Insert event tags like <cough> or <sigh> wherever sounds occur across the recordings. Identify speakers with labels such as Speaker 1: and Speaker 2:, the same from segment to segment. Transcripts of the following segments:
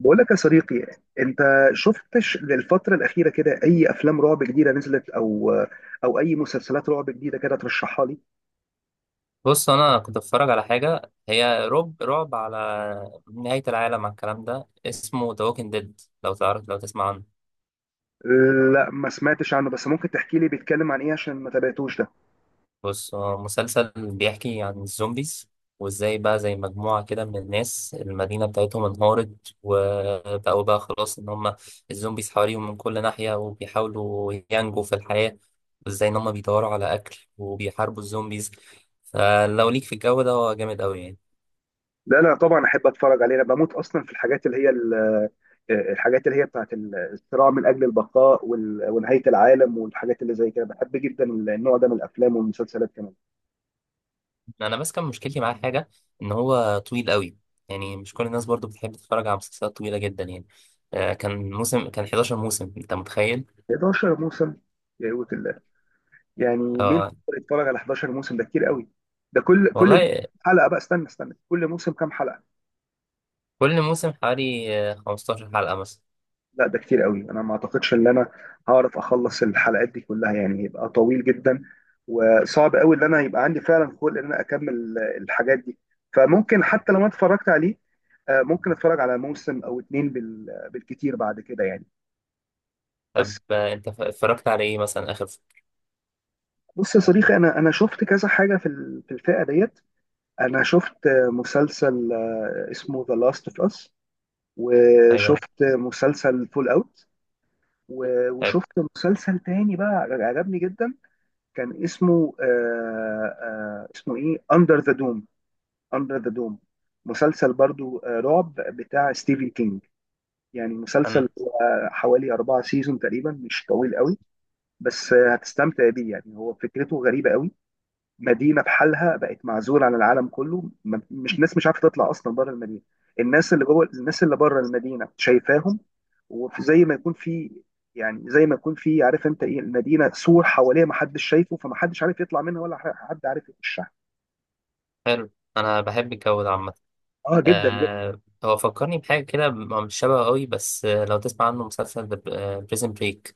Speaker 1: بقول لك يا صديقي، انت شفتش للفترة الأخيرة كده أي أفلام رعب جديدة نزلت أو أي مسلسلات رعب جديدة كده ترشحها لي؟
Speaker 2: بص، انا كنت بتفرج على حاجه هي رعب رعب، على نهايه العالم، على الكلام ده. اسمه The Walking Dead. لو تسمع عنه؟
Speaker 1: لا، ما سمعتش عنه، بس ممكن تحكي لي بيتكلم عن إيه عشان ما تابعتوش ده؟
Speaker 2: بص، هو مسلسل بيحكي عن الزومبيز، وازاي بقى زي مجموعه كده من الناس المدينه بتاعتهم انهارت، وبقوا بقى خلاص ان هم الزومبيز حواليهم من كل ناحيه، وبيحاولوا ينجوا في الحياه، وازاي ان هم بيدوروا على اكل وبيحاربوا الزومبيز. فلو ليك في الجو ده، هو جامد قوي يعني.
Speaker 1: لا طبعا أحب أتفرج عليه. أنا بموت أصلا في الحاجات اللي هي الحاجات اللي هي بتاعت الصراع من أجل البقاء ونهاية العالم والحاجات اللي زي كده. بحب جدا النوع ده من الأفلام والمسلسلات كمان.
Speaker 2: انا بس كان مشكلتي معاه حاجه، ان هو طويل قوي. يعني مش كل الناس برضو بتحب تتفرج على مسلسلات طويله جدا يعني. كان 11 موسم، انت متخيل؟
Speaker 1: 11 موسم! يا قوة الله، يعني مين
Speaker 2: اه،
Speaker 1: يقدر يتفرج على 11 موسم؟ ده كتير قوي. ده كل موسم
Speaker 2: والله.
Speaker 1: حلقه بقى، استنى، كل موسم كام حلقه؟
Speaker 2: كل موسم حوالي 15 حلقه مثلا.
Speaker 1: لا، ده كتير قوي، انا ما اعتقدش ان انا هعرف اخلص الحلقات دي كلها، يعني يبقى طويل جدا وصعب قوي ان انا يبقى عندي فعلا خلق ان انا اكمل الحاجات دي. فممكن حتى لو انا اتفرجت عليه، ممكن اتفرج على موسم او اتنين بالكتير بعد كده يعني.
Speaker 2: طب،
Speaker 1: بس
Speaker 2: انت اتفرجت على ايه مثلا اخر
Speaker 1: بص يا صديقي، انا شفت كذا حاجه في في الفئه ديت. انا شفت مسلسل اسمه ذا لاست اوف اس،
Speaker 2: ايوه.
Speaker 1: وشفت مسلسل فول اوت،
Speaker 2: حلو.
Speaker 1: وشفت مسلسل تاني بقى عجبني جدا. كان اسمه اسمه ايه، اندر ذا دوم. اندر ذا دوم، مسلسل برضو آه رعب بتاع ستيفن كينج. يعني مسلسل
Speaker 2: أنا-
Speaker 1: آه حوالي 4 سيزون تقريبا، مش طويل قوي، بس آه هتستمتع بيه. يعني هو فكرته غريبة قوي، مدينه بحالها بقت معزوله عن العالم كله، مش ناس مش عارفه تطلع اصلا بره المدينه، الناس اللي جوه الناس اللي بره المدينه شايفاهم، وزي ما يكون في، يعني زي ما يكون في، عارف انت ايه، المدينه سور حواليها ما حدش شايفه، فما حدش عارف يطلع منها ولا حد عارف يخشها.
Speaker 2: حلو. انا بحب الجو ده عامه.
Speaker 1: اه جدا جدا.
Speaker 2: هو فكرني بحاجة كده، هو مش شبه قوي، بس لو تسمع عنه مسلسل بريزن بريك،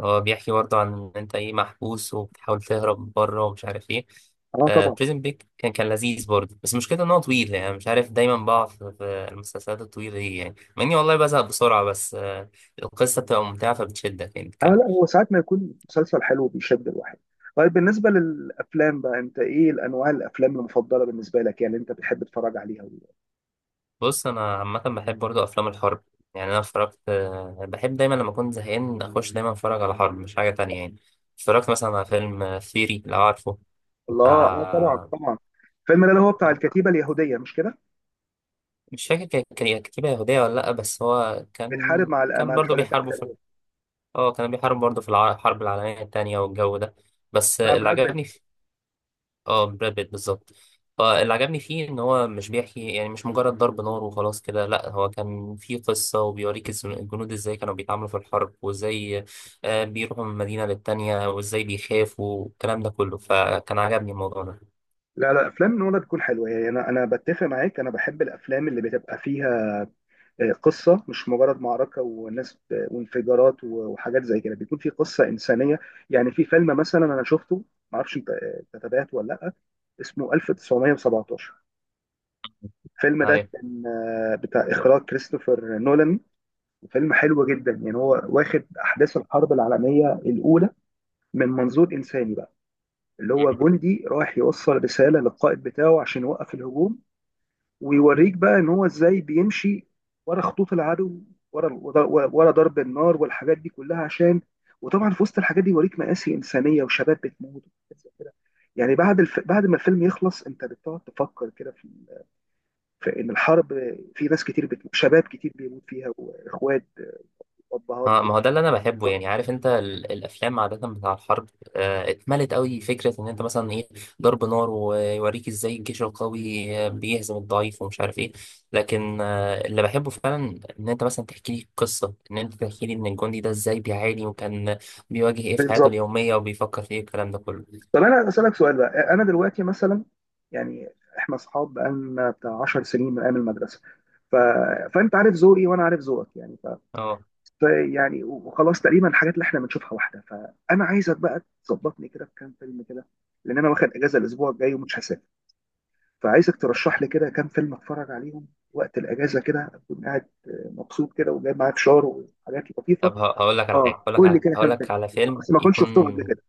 Speaker 2: هو بيحكي برضه عن إن أنت إيه محبوس وبتحاول تهرب بره ومش عارف إيه.
Speaker 1: اه طبعا.
Speaker 2: بريزن بريك كان لذيذ برضه، بس مشكلته إن هو طويل، يعني مش عارف، دايما بقع في المسلسلات الطويلة دي، يعني، مع إني والله بزهق بسرعة، بس القصة بتبقى ممتعة فبتشدك يعني.
Speaker 1: اه لا، هو ساعات ما يكون مسلسل حلو بيشد الواحد. طيب بالنسبه للافلام بقى، انت ايه الانواع الافلام المفضله بالنسبه لك يعني انت بتحب تتفرج عليها؟
Speaker 2: بص، انا عامه بحب برضو افلام الحرب. يعني انا اتفرجت، بحب دايما لما اكون زهقان اخش دايما اتفرج على حرب، مش حاجه تانية يعني. اتفرجت مثلا على فيلم ثيري، لو عارفه،
Speaker 1: الله، اه طبعا
Speaker 2: بتاع...
Speaker 1: طبعا. الفيلم ده اللي هو بتاع الكتيبه اليهوديه، مش كده؟
Speaker 2: مش فاكر كان إيه، كتيبه يهوديه ولا لا، بس هو
Speaker 1: بتحارب
Speaker 2: كان
Speaker 1: مع
Speaker 2: كان
Speaker 1: مع
Speaker 2: برضو
Speaker 1: الحلفاء.
Speaker 2: بيحاربوا في... اه، كان بيحارب برضو في الحرب العالميه التانية والجو ده. بس اللي
Speaker 1: الشعبيات
Speaker 2: عجبني...
Speaker 1: بت...
Speaker 2: اه، براد بيت بالظبط. فاللي عجبني فيه ان هو مش بيحكي، يعني مش مجرد ضرب نار وخلاص كده، لا هو كان فيه قصة، وبيوريك الجنود ازاي كانوا بيتعاملوا في الحرب، وازاي بيروحوا من مدينة للتانية، وازاي بيخافوا، والكلام ده كله. فكان عجبني الموضوع ده.
Speaker 1: لا لا، افلام نولان تكون حلوه يعني. انا انا بتفق معاك، انا بحب الافلام اللي بتبقى فيها قصه، مش مجرد معركه وناس وانفجارات وحاجات زي كده، بيكون في قصه انسانيه. يعني في فيلم مثلا انا شفته، معرفش انت أنت تابعته ولا لا، اسمه 1917. الفيلم ده
Speaker 2: أيوة.
Speaker 1: كان بتاع اخراج كريستوفر نولان، وفيلم حلو جدا. يعني هو واخد احداث الحرب العالميه الاولى من منظور انساني بقى، اللي هو جندي رايح يوصل رسالة للقائد بتاعه عشان يوقف الهجوم، ويوريك بقى ان هو ازاي بيمشي ورا خطوط العدو، ورا ضرب النار والحاجات دي كلها عشان، وطبعا في وسط الحاجات دي يوريك مآسي إنسانية وشباب بتموت وحاجات زي كده. يعني بعد بعد ما الفيلم يخلص انت بتقعد تفكر كده في... في ان الحرب، في ناس كتير بتموت، شباب كتير بيموت فيها، واخوات وابهات
Speaker 2: اه، ما هو ده اللي انا بحبه. يعني عارف انت الافلام عاده بتاع الحرب، اتملت قوي فكره ان انت مثلا ايه، ضرب نار، ويوريك ازاي الجيش القوي بيهزم الضعيف، ومش عارف ايه. لكن اللي بحبه فعلا ان انت مثلا تحكي لي قصه، ان انت تحكي لي ان الجندي ده ازاي بيعاني، وكان بيواجه ايه في حياته
Speaker 1: بالظبط.
Speaker 2: اليوميه، وبيفكر في ايه، الكلام ده كله.
Speaker 1: طب انا اسالك سؤال بقى، انا دلوقتي مثلا، يعني احنا اصحاب بقالنا بتاع 10 سنين من ايام المدرسه، ف... فانت عارف ذوقي وانا عارف ذوقك، يعني ف...
Speaker 2: اه.
Speaker 1: ف يعني وخلاص تقريبا الحاجات اللي احنا بنشوفها واحده. فانا عايزك بقى تظبطني كده بكام فيلم كده، لان انا واخد اجازه الاسبوع الجاي ومش هسافر، فعايزك ترشح لي كده كام فيلم اتفرج عليهم وقت الاجازه كده، اكون قاعد مبسوط كده وجايب معايا فشار وحاجات لطيفه.
Speaker 2: طب، هقول لك على
Speaker 1: اه
Speaker 2: حاجه،
Speaker 1: قول لي كده
Speaker 2: هقول
Speaker 1: كام فيلم،
Speaker 2: لك على فيلم
Speaker 1: بس ما كنتش
Speaker 2: يكون...
Speaker 1: شفتهم قبل كده.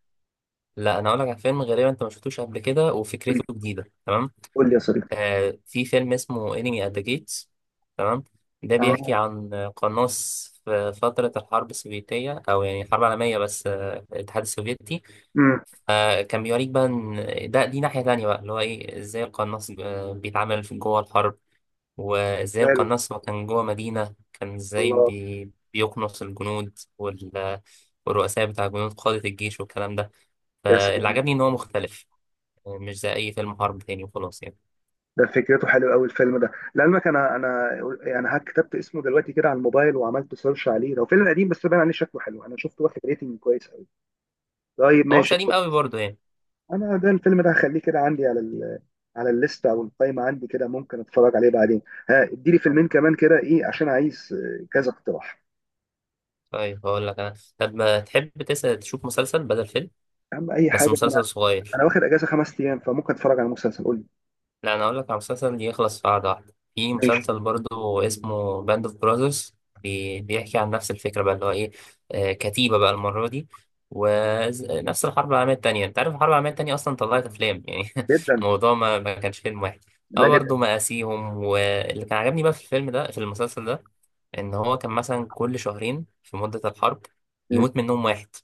Speaker 2: لا، انا هقول لك على فيلم غالبا انت ما شفتوش قبل كده،
Speaker 1: قول
Speaker 2: وفكرته
Speaker 1: لي،
Speaker 2: جديده تمام.
Speaker 1: قول لي يا صديقي.
Speaker 2: في فيلم اسمه انمي ات ذا جيتس. تمام. ده
Speaker 1: اه.
Speaker 2: بيحكي عن قناص في فترة الحرب السوفيتية، أو يعني الحرب العالمية، بس الاتحاد السوفيتي. كان بيوريك بقى إن ده، دي ناحية تانية بقى، اللي هو إيه إزاي القناص بيتعامل في جوه الحرب، وإزاي
Speaker 1: امم.
Speaker 2: القناص، هو كان جوه مدينة، كان إزاي
Speaker 1: الله.
Speaker 2: بيقنص الجنود والرؤساء بتاع الجنود، قادة الجيش والكلام ده.
Speaker 1: يا
Speaker 2: فاللي
Speaker 1: سلام،
Speaker 2: عجبني إن هو مختلف، مش زي أي فيلم حرب تاني وخلاص يعني.
Speaker 1: ده فكرته حلوه قوي الفيلم ده. لعلمك، انا انا يعني ها كتبت اسمه دلوقتي كده على الموبايل وعملت سيرش عليه، لو فيلم قديم بس باين عليه شكله حلو، انا شفته واخد ريتنج كويس قوي. طيب
Speaker 2: هو مش
Speaker 1: ماشي،
Speaker 2: قديم
Speaker 1: طب
Speaker 2: قوي برضه يعني.
Speaker 1: انا ده الفيلم ده هخليه كده عندي على ال على الليسته او القائمه عندي كده، ممكن اتفرج عليه بعدين. ها اديلي فيلمين كمان كده، ايه عشان عايز كذا اقتراح.
Speaker 2: طيب، هقول لك انا. طب ما تحب تسأل تشوف مسلسل بدل فيلم؟
Speaker 1: اهم اي
Speaker 2: بس
Speaker 1: حاجه إن انا،
Speaker 2: مسلسل صغير.
Speaker 1: انا واخد اجازه 5 ايام، فممكن اتفرج على مسلسل، قول لي.
Speaker 2: لا، انا هقول لك على مسلسل يخلص في قعده واحده، في
Speaker 1: ماشي.
Speaker 2: مسلسل برضو اسمه باند اوف براذرز. بيحكي عن نفس الفكره بقى اللي هو ايه، كتيبه بقى المره دي، ونفس الحرب العالميه التانيه. انت عارف الحرب العالميه التانيه اصلا طلعت افلام يعني <laughs>
Speaker 1: جدا.
Speaker 2: الموضوع ما كانش فيلم واحد.
Speaker 1: لا
Speaker 2: هو
Speaker 1: جدا.
Speaker 2: برضه مآسيهم، واللي كان عجبني بقى في الفيلم ده في المسلسل ده، ان هو كان مثلا كل شهرين في مده الحرب
Speaker 1: مم.
Speaker 2: يموت منهم واحد،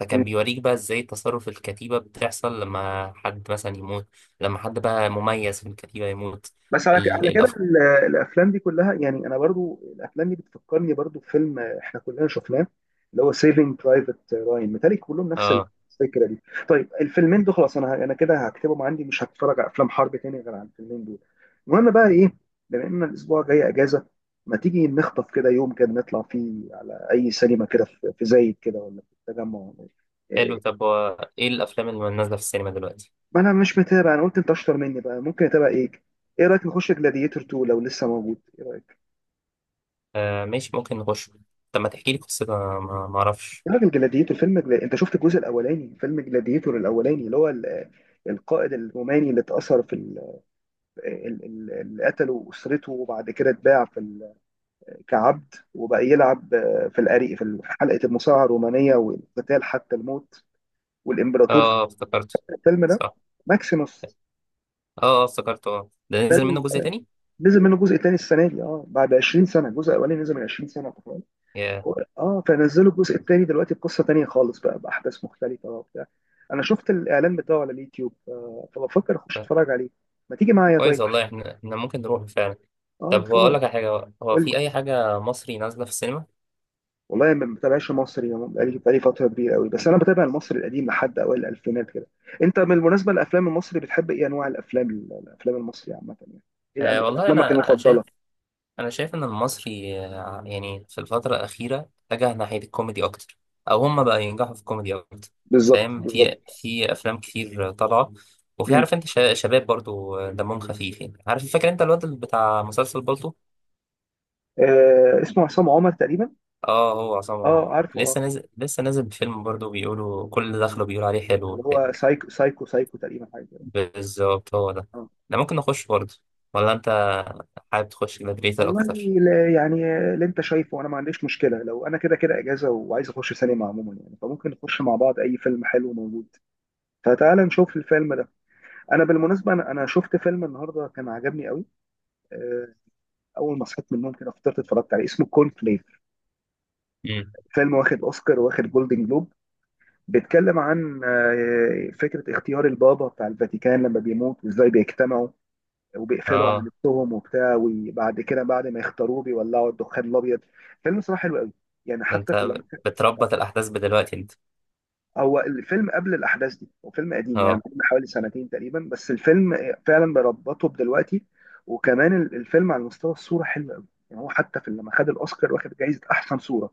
Speaker 2: فكان بيوريك بقى ازاي تصرف الكتيبة بتحصل لما حد مثلا يموت، لما حد بقى مميز في الكتيبة يموت.
Speaker 1: بس على
Speaker 2: ال-
Speaker 1: على كده
Speaker 2: الأف...
Speaker 1: الافلام دي كلها، يعني انا برضو الافلام دي بتفكرني برضو بفيلم احنا كلنا شفناه، اللي هو سيفنج برايفت راين، متهيألي كلهم نفس
Speaker 2: اه.
Speaker 1: الفكره دي. طيب الفيلمين دول خلاص، انا انا كده هكتبهم عندي، مش هتفرج على افلام حرب تاني غير على الفيلمين دول. المهم بقى ايه، بما ان الاسبوع جاي اجازه، ما تيجي نخطف كده يوم كده نطلع فيه على اي سينما كده في في زايد كده، ولا في التجمع ولا إيه.
Speaker 2: حلو.
Speaker 1: إيه،
Speaker 2: طب هو ايه الأفلام اللي نازلة في السينما دلوقتي؟
Speaker 1: ما انا مش متابع، انا قلت انت اشطر مني بقى، ممكن اتابع ايه. ايه رايك نخش جلاديتور 2 لو لسه موجود؟ إيه رأيك؟
Speaker 2: آه، ماشي، ممكن نخش. طب ما تحكي لي قصتها، ما اعرفش.
Speaker 1: تعرف جلاديتور، فيلم جلا... انت شفت الجزء الاولاني، فيلم جلاديتور الاولاني اللي هو القائد الروماني اللي اتأثر في ال... ال... ال... اللي قتله اسرته، وبعد كده اتباع في ال... كعبد، وبقى يلعب في الأري... في حلقة المصارعة الرومانية والقتال حتى الموت،
Speaker 2: اه،
Speaker 1: والامبراطور في
Speaker 2: افتكرته.
Speaker 1: الفيلم ده،
Speaker 2: صح.
Speaker 1: ماكسيموس.
Speaker 2: اه، افتكرته. اه، ده
Speaker 1: ده
Speaker 2: نزل منه جزء تاني؟
Speaker 1: نزل منه جزء تاني السنة دي، اه بعد 20 سنة، الجزء الاولاني نزل من 20 سنة
Speaker 2: ياه.
Speaker 1: و- اه فنزلوا الجزء الثاني دلوقتي بقصه تانيه خالص بقى، باحداث مختلفه وبتاع. انا شفت الاعلان بتاعه على اليوتيوب، فبفكر اخش
Speaker 2: ده
Speaker 1: اتفرج عليه، ما تيجي معايا طيب؟
Speaker 2: كويس والله. احنا ممكن نروح فعلا.
Speaker 1: اه
Speaker 2: طب هو،
Speaker 1: نتفرج.
Speaker 2: اقول لك على حاجة، هو
Speaker 1: قول لي.
Speaker 2: في أي حاجة مصري نازلة في السينما؟
Speaker 1: والله ما بتابعش مصري، يعني بقالي فتره كبيره قوي، بس انا بتابع المصري القديم لحد اوائل الالفينات كده. انت بالمناسبه الافلام المصري بتحب ايه انواع الافلام، الافلام المصري عامه يعني، ايه الأنواع،
Speaker 2: والله،
Speaker 1: افلامك
Speaker 2: أنا أنا
Speaker 1: المفضله؟
Speaker 2: شايف انا شايف ان المصري يعني في الفتره الاخيره اتجه ناحيه الكوميدي اكتر، او هم بقى ينجحوا في الكوميدي اكتر.
Speaker 1: بالظبط
Speaker 2: فاهم،
Speaker 1: بالظبط.
Speaker 2: في افلام كتير طالعه، وفي،
Speaker 1: مم.
Speaker 2: عارف انت، شباب برضو دمهم خفيف، يعني عارف، فاكر انت الواد اللي بتاع مسلسل بالطو؟
Speaker 1: آه اسمه عصام عمر تقريبا.
Speaker 2: اه، هو عصام
Speaker 1: اه
Speaker 2: عمر
Speaker 1: عارفه اه،
Speaker 2: لسه نازل، بفيلم برضو، بيقولوا كل اللي دخله بيقولوا عليه حلو
Speaker 1: اللي
Speaker 2: وبتاع.
Speaker 1: هو سايكو سايكو سايكو تقريبا حاجه كده.
Speaker 2: بالظبط، هو ده.
Speaker 1: آه.
Speaker 2: ده ممكن نخش برضو، ولا انت حابب تخش جلاديتور
Speaker 1: والله
Speaker 2: اكتر؟
Speaker 1: لا، يعني اللي انت شايفه، انا ما عنديش مشكله، لو انا كده كده اجازه وعايز اخش سينما عموما يعني، فممكن نخش مع بعض اي فيلم حلو موجود. فتعال نشوف الفيلم ده. انا بالمناسبه انا انا شفت فيلم النهارده كان عجبني قوي، آه، اول ما صحيت من النوم كده فطرت اتفرجت عليه، اسمه كورن فليك.
Speaker 2: امم.
Speaker 1: فيلم واخد اوسكار واخد جولدن جلوب، بيتكلم عن فكره اختيار البابا بتاع الفاتيكان لما بيموت، وازاي بيجتمعوا وبيقفلوا على
Speaker 2: اه.
Speaker 1: نفسهم وبتاع، وبعد كده بعد ما يختاروه بيولعوا الدخان الابيض. فيلم صراحه حلو قوي، يعني
Speaker 2: ده
Speaker 1: حتى في
Speaker 2: انت
Speaker 1: اللم...
Speaker 2: بتربط الاحداث بدلوقتي انت؟
Speaker 1: هو الفيلم قبل الاحداث دي، هو فيلم قديم يعني
Speaker 2: اه.
Speaker 1: من حوالي سنتين تقريبا، بس الفيلم فعلا بربطه بدلوقتي. وكمان الفيلم على مستوى الصوره حلو قوي، يعني هو حتى في لما خد الاوسكار واخد جائزه احسن صوره.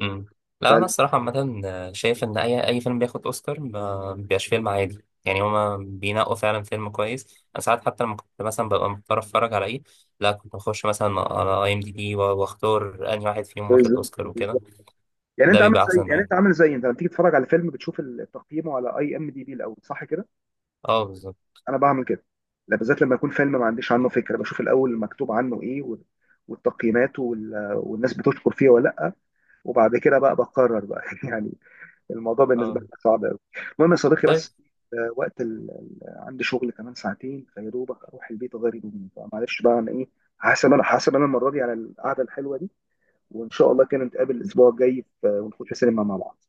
Speaker 2: امم. لا، انا
Speaker 1: ف...
Speaker 2: الصراحه عامه شايف ان اي فيلم بياخد اوسكار ما بيبقاش فيلم عادي، يعني هما بينقوا فعلا فيلم كويس. انا ساعات حتى لما كنت مثلا ببقى مضطر اتفرج على ايه، لا، كنت بخش مثلا على اي ام دي بي واختار انهي واحد فيهم واخد
Speaker 1: بالظبط
Speaker 2: اوسكار وكده.
Speaker 1: بالظبط. يعني
Speaker 2: ده
Speaker 1: انت عامل
Speaker 2: بيبقى
Speaker 1: زي،
Speaker 2: احسن
Speaker 1: يعني
Speaker 2: يعني.
Speaker 1: انت عامل زي، انت لما تيجي تتفرج على فيلم بتشوف تقييمه على اي ام دي بي الاول، صح كده؟
Speaker 2: اه، بالظبط.
Speaker 1: انا بعمل كده، لا بالذات لما يكون فيلم ما عنديش عنه فكره، بشوف الاول مكتوب عنه ايه والتقييمات والناس بتشكر فيه ولا لا، وبعد كده بقى بقرر بقى <laughs> يعني. الموضوع بالنسبه لي
Speaker 2: اه.
Speaker 1: صعب قوي. المهم يا صديقي،
Speaker 2: طيب،
Speaker 1: بس وقت ال... عندي شغل كمان ساعتين، فيا دوبك اروح البيت اغير هدومي، فمعلش بقى انا ايه، هحاسب انا المره دي على القعده الحلوه دي، وان شاء الله كده نتقابل الاسبوع الجاي ونخش سينما مع بعض.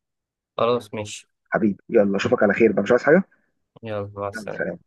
Speaker 2: خلاص، ماشي.
Speaker 1: حبيبي يلا، اشوفك على خير بقى، مش عايز حاجه.
Speaker 2: يلا مع
Speaker 1: يلا
Speaker 2: السلامه.
Speaker 1: سلام.